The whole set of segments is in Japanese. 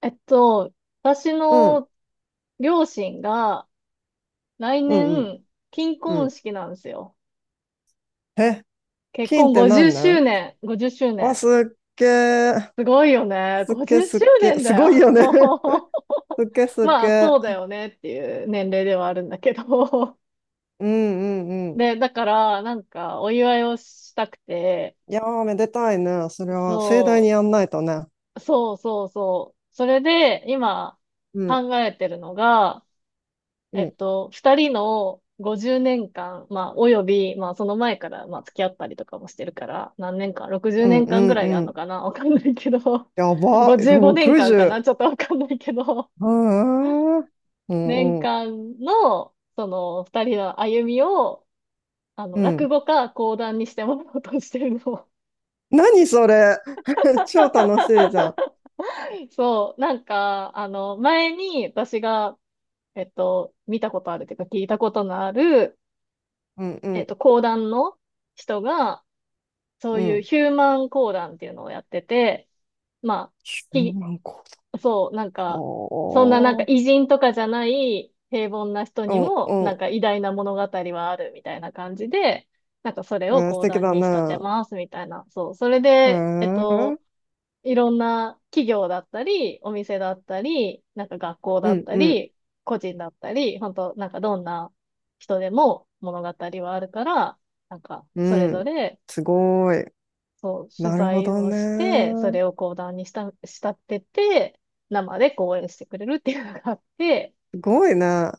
えっと、私うん、の両親が来うん、うん、年、金う婚ん。式なんですよ。え、結金っ婚て50何な周ん年、50周あ、年。すっげーすごいよね。50すっ周げー年すだごいよ。よね すっげー すっまげあ、そうだーよねっていう年齢ではあるんだけど。うん、うん、うん。で、だから、なんか、お祝いをしたくて、いやー、めでたいね。それは盛大にそやんないとね。う、そうそうそう。それで、今、うん、考えてるのが、うん、二人の50年間、まあ、および、まあ、その前から、まあ、付き合ったりとかもしてるから、何年間？ 60 うん、年う間ぐん、らういあるん。のかな わかんないけど、やば、55年間かんか60。なちょっとわかんないけど、うーう年ん、うん、間の、その、二人の歩みを、あの、う落ん。語か講談にしてもらおうとしてるの。何それ 超楽しいじゃん。そう、なんか、あの、前に私が、見たことあるというか聞いたことのある、うんうん講談の人が、そうういうん。ヒューマン講談っていうのをやってて、まあ、9ひ、万個。そう、なんおか、そんななんかー偉人とかじゃない平凡な人うにんうも、なんん。か偉大な物語はあるみたいな感じで、なんかそれえをー素講敵談だに仕立てね。ますみたいな。そう、それうで、ーん。いろんな企業だったり、お店だったり、なんか学校うだっんたうんり、個人だったり、本当なんかどんな人でも物語はあるから、なんか、それうぞん。れすごい。そう、取なるほ材どをして、そね。れを講談にした、仕立てて、生で講演してくれるっていうのがあって、すごいね。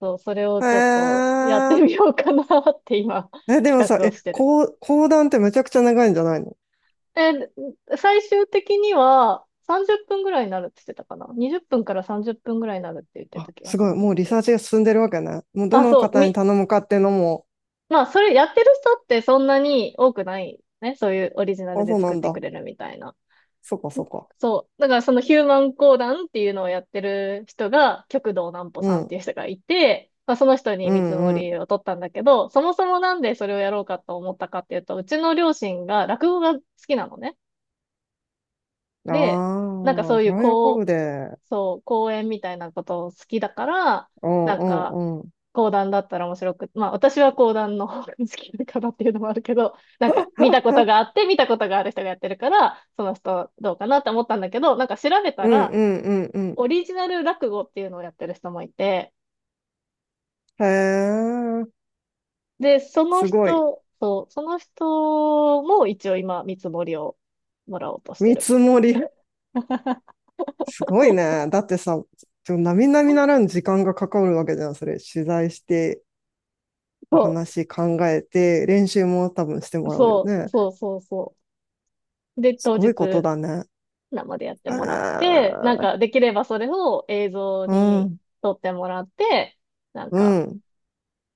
そう、それをへちょっとやっえ。てみようかなって今、え、でも企さ、画をえ、してる。講談ってめちゃくちゃ長いんじゃないの？え最終的には30分ぐらいになるって言ってたかな？ 20 分から30分ぐらいになるって言ってあ、た気がすすごい。るな。もうリサーチが進んでるわけね。もうどあ、のそう、方に頼むかっていうのも、まあ、それやってる人ってそんなに多くないね。そういうオリジナルあ、でそうな作っんてくだ。れるみたいな。そっかそっか。そう。だからそのヒューマン講談っていうのをやってる人が、極道南歩うさんっん。ていう人がいて、まあ、その人にう見積もんうりを取ったんだけど、そもそもなんでそれをやろうかと思ったかっていうと、うちの両親が落語が好きなのね。で、なんかあそあ、ういそうれは喜ぶこう、で。そう、講演みたいなことを好きだから、うんなんうんか、うん。講談だったら面白く、まあ私は講談の方が好きだからっていうのもあるけど、なんか見たことがあって、見たことがある人がやってるから、その人どうかなって思ったんだけど、なんか調べたうんうら、んうんうん。オリジナル落語っていうのをやってる人もいて、へえ。で、そのすごい。人、そう、その人も一応今、見積もりをもらおうとして見る。積もり。すごいね。だってさ、ちょ並々ならぬ時間がかかるわけじゃん、それ。取材して、おそ話考えて、練習も多分してう、もらうよそう、ね。そう、そう、そう。で、す当ご日、いことだね。生でやってあもらって、なんか、ーできればそれを映像うにん、撮ってもらって、なんうか、ん。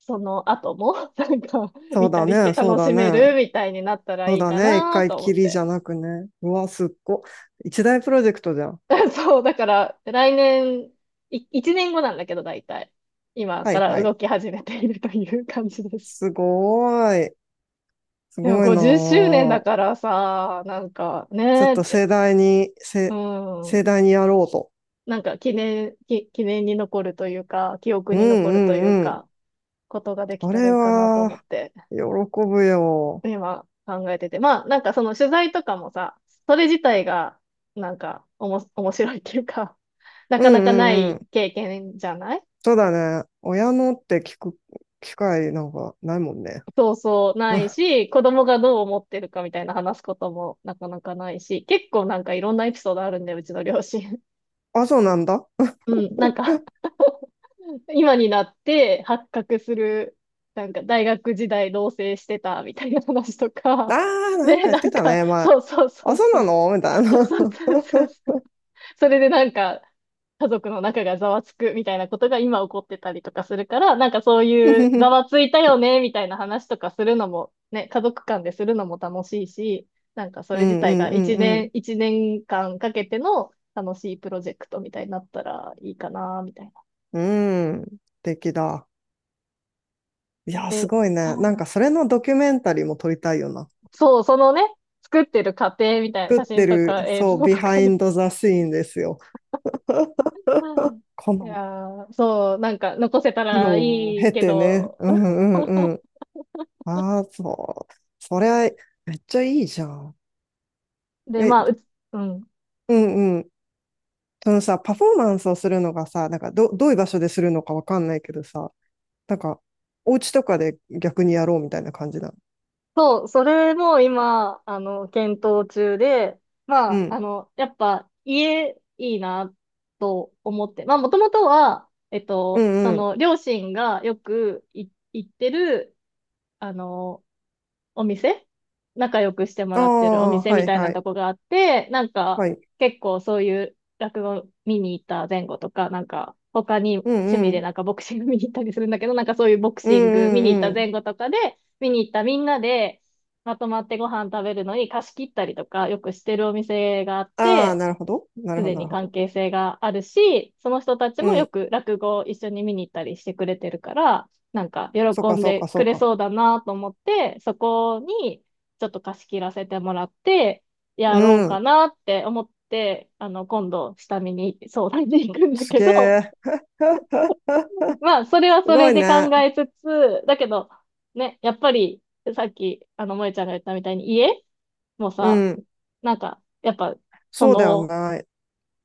その後も、なんか、そう見ただりしてね、そう楽だしめね。るみたいになったらそういいだかね。一な回と思きっりじて。ゃなくね。うわ、すっご。一大プロジェクトじゃん。そう、だから、来年、1年後なんだけど、大体。今はかいはらい。動き始めているという感じです。すごーい。すでもごいな50周年だー。からさ、なんかちょっねーっとて、盛大に、う盛ん、大にやろうと。なんか記念に残るというか、記憶うんうに残るというんうん。か、ことができこたられいいかなと思っは、て、喜ぶよ。今考えてて。まあ、なんかその取材とかもさ、それ自体が、なんか、面白いっていうか、なうかんなうかなんういん。経験じゃない？そうだね。親のって聞く機会なんかないもんね。そうそう、ないあ、し、子供がどう思ってるかみたいな話すこともなかなかないし、結構なんかいろんなエピソードあるんだよ、うちの両親。あそうなんだ。あ うん、なんか 今になって発覚する、なんか大学時代同棲してたみたいな話とあ、か、なんで、か言っなてんたか、ね、前。そうそうそあ、うそうそう、なのみたいな。そう そうそうそうそれでなんか、家族の中がざわつくみたいなことが今起こってたりとかするから、なんかそうういうざんわついたよねみたいな話とかするのも、ね、家族間でするのも楽しいし、なんかそうれ自体が一んう年、ん一年間かけての楽しいプロジェクトみたいになったらいいかな、みたいな。うん。素敵だ。いや、すごいえね。なんかそれのドキュメンタリーも撮りたいよな。そう、そのね、作ってる過程みたいな作写って真とる、か映そう、像ビとハかイね。ンドザシーンですよ。うんこいやのー、そう、なんか残せた苦ら労をいい経けてね。ど、うんああ、そう。それはめっちゃいいじゃん。で、え、まあ、うん。うんうん。そのさ、パフォーマンスをするのがさ、なんかどういう場所でするのかわかんないけどさ、なんか、お家とかで逆にやろうみたいな感じなの？そう、それも今、あの、検討中で、まうあ、ん。あの、やっぱ家いいなと思って、まあ、もともとは、うそんうん。の、両親がよく行ってる、あの、お店仲良くしてもあらってるおあ、店はみいたいなはい。とこがあって、なんかはい。結構そういう落語見に行った前後とか、なんか他にうん趣味うでん。なんかボクシング見に行ったりするんだけど、なんかそういうボクうんシング見に行っうんたうん。前後とかで、見に行ったみんなでまとまってご飯食べるのに貸し切ったりとかよくしてるお店があっああ、て、なるほど。なるすほでど、なにるほ関ど。係性があるし、その人たちうもよん。く落語を一緒に見に行ったりしてくれてるから、なんかそう喜か、んそうでか、そくうれか。そうだなと思って、そこにちょっと貸し切らせてもらって、うやろうかん。なって思って、あの、今度下見に相談に行くんだすけげど、え。まあ、それはすそごれいで考ね。えつつ、だけど、ね、やっぱり、さっき、あの、萌えちゃんが言ったみたいに、家もうさ、ん。なんか、やっぱ、そそうだよの、ね。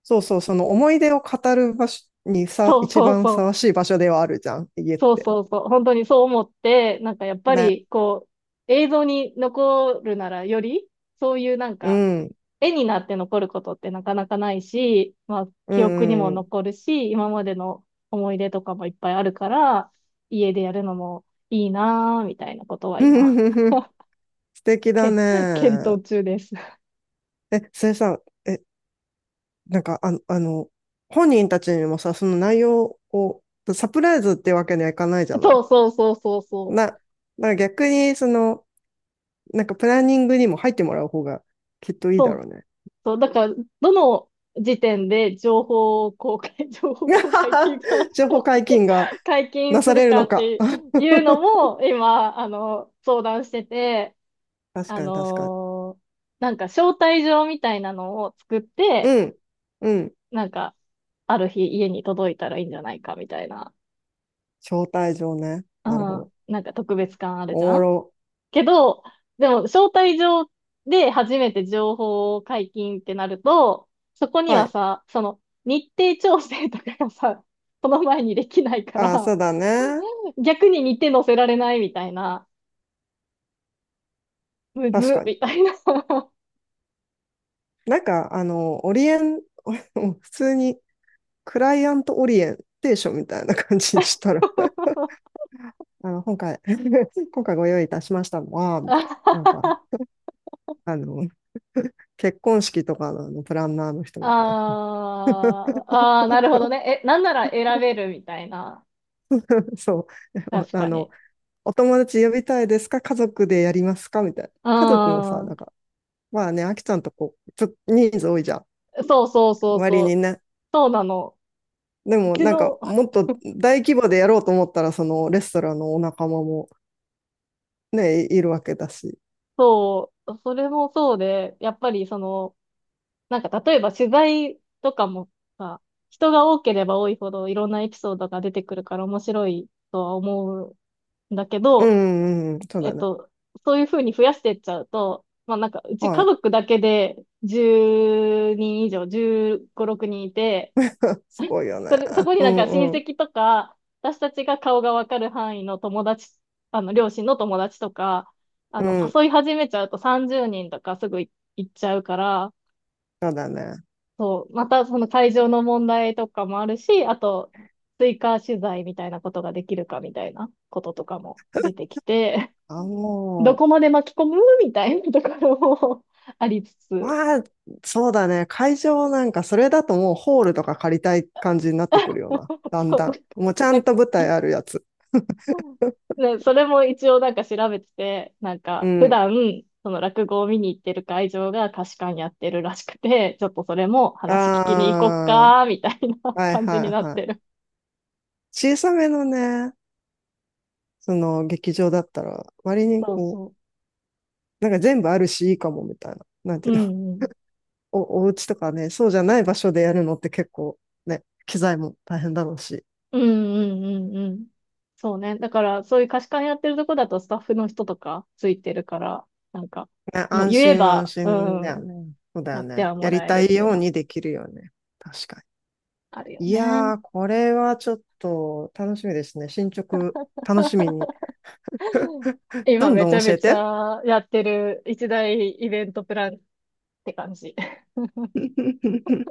そうそう、その思い出を語る場所にさ、そう一そう番ふそさうわしい場所ではあるじゃん、家っそうて。そうそう、本当にそう思って、なんかやっぱね。りこう、映像に残るならより、そういうなんうか、ん。絵になって残ることってなかなかないし、まあ、うん、記憶にもうんうん。残るし、今までの思い出とかもいっぱいあるから、家でやるのもいいなぁ、みたいなことは今、素敵だけ、検ね。討中です。え、それさ、え、なんか、あの、本人たちにもさ、その内容を、サプライズってわけにはいかないじゃなそい？うそうそうそうそな、だから逆に、その、なんかプランニングにも入ってもらう方がきっとう。いいだそろう、うね。そう、だから、どの時点で情報公開、情報公開ってい うか情報解禁が解禁なすさるれるかのっか。ていうの も、今、あの、相談してて、確あかに確かに。のーなんか招待状みたいなのを作って、うん。うん。なんか、ある日家に届いたらいいんじゃないかみたいな、招待状ね。うなるほん、ど。なんか特別感あるおじもゃんろ。けど、でも、招待状で初めて情報を解禁ってなると、そこにははい。さ、その、日程調整とかがさ、その前にできないかあ、ら、そうだね。逆に日程載せられないみたいな、むず確っ、かに。みたいな。なんか、あの、オリエン、うん普通にクライアントオリエンテーションみたいな感じにしたら、あの、今回 今回ご用意いたしましたのは、みたいな。なんか、あの、結婚式とかの、あのプランナーの人みたいああ、ああ、なるほどね。え、なんなら選べるみたいな。な。そう。確あかの、に。お友達呼びたいですか家族でやりますかみたいな。う家族もさ、なんん。か、まあね、あきちゃんとこう、ちょっと人数多いじゃん。そうそうそう割そにう。ね、そうなの。でうもちなんかの、もっと大規模でやろうと思ったらそのレストランのお仲間もね、いるわけだし。そう、それもそうで、やっぱりその、なんか例えば取材とかもさ、人が多ければ多いほどいろんなエピソードが出てくるから面白いとは思うんだけうんど、うん、そうえだっね。と、そういうふうに増やしていっちゃうと、まあなんか、うちは家い。族だけで10人以上、15、6人いて、すごいよね。それ、そこにうなんか親んうん戚とか、私たちが顔がわかる範囲の友達、あの、両親の友達とか、あうの、ん、誘い始めちゃうと30人とかすぐ行っちゃうから、そうだね。そう、またその会場の問題とかもあるし、あと、追加取材みたいなことができるかみたいなこととかも出てきて、あ、どもこまで巻き込むみたいなところも ありつつ。まあ、そうだね。会場なんかそれだともうホールとか借りたい感じになってくるよな。だんそう、だん。もうちゃなんんか、と舞な台んあるやつ。かねそれも一応なんか調べてて、なんうか、普ん。段、その落語を見に行ってる会場が貸し館やってるらしくて、ちょっとそれも話聞きに行こっあか、みたいなあ、はい感じはにないっはい。てる。小さめのね、その劇場だったら割にそうこう、そなんか全部あるしいいかもみたいな。なんう。てういうの、んうん。お家とかね、そうじゃない場所でやるのって結構ね、機材も大変だろうし。うんうんうんうん。そうね。だから、そういう貸し館やってるとこだとスタッフの人とかついてるから、なんか、ね、もう安言え心は安ば、う心だよん、ね。そうだやよってね。はやもりらえるたっいていうようのにできるよね。確かあるよに。いね。やー、これはちょっと楽しみですね。進捗楽しみに。ど今んめどちんゃ教めえちて。ゃやってる一大イベントプランって感じ。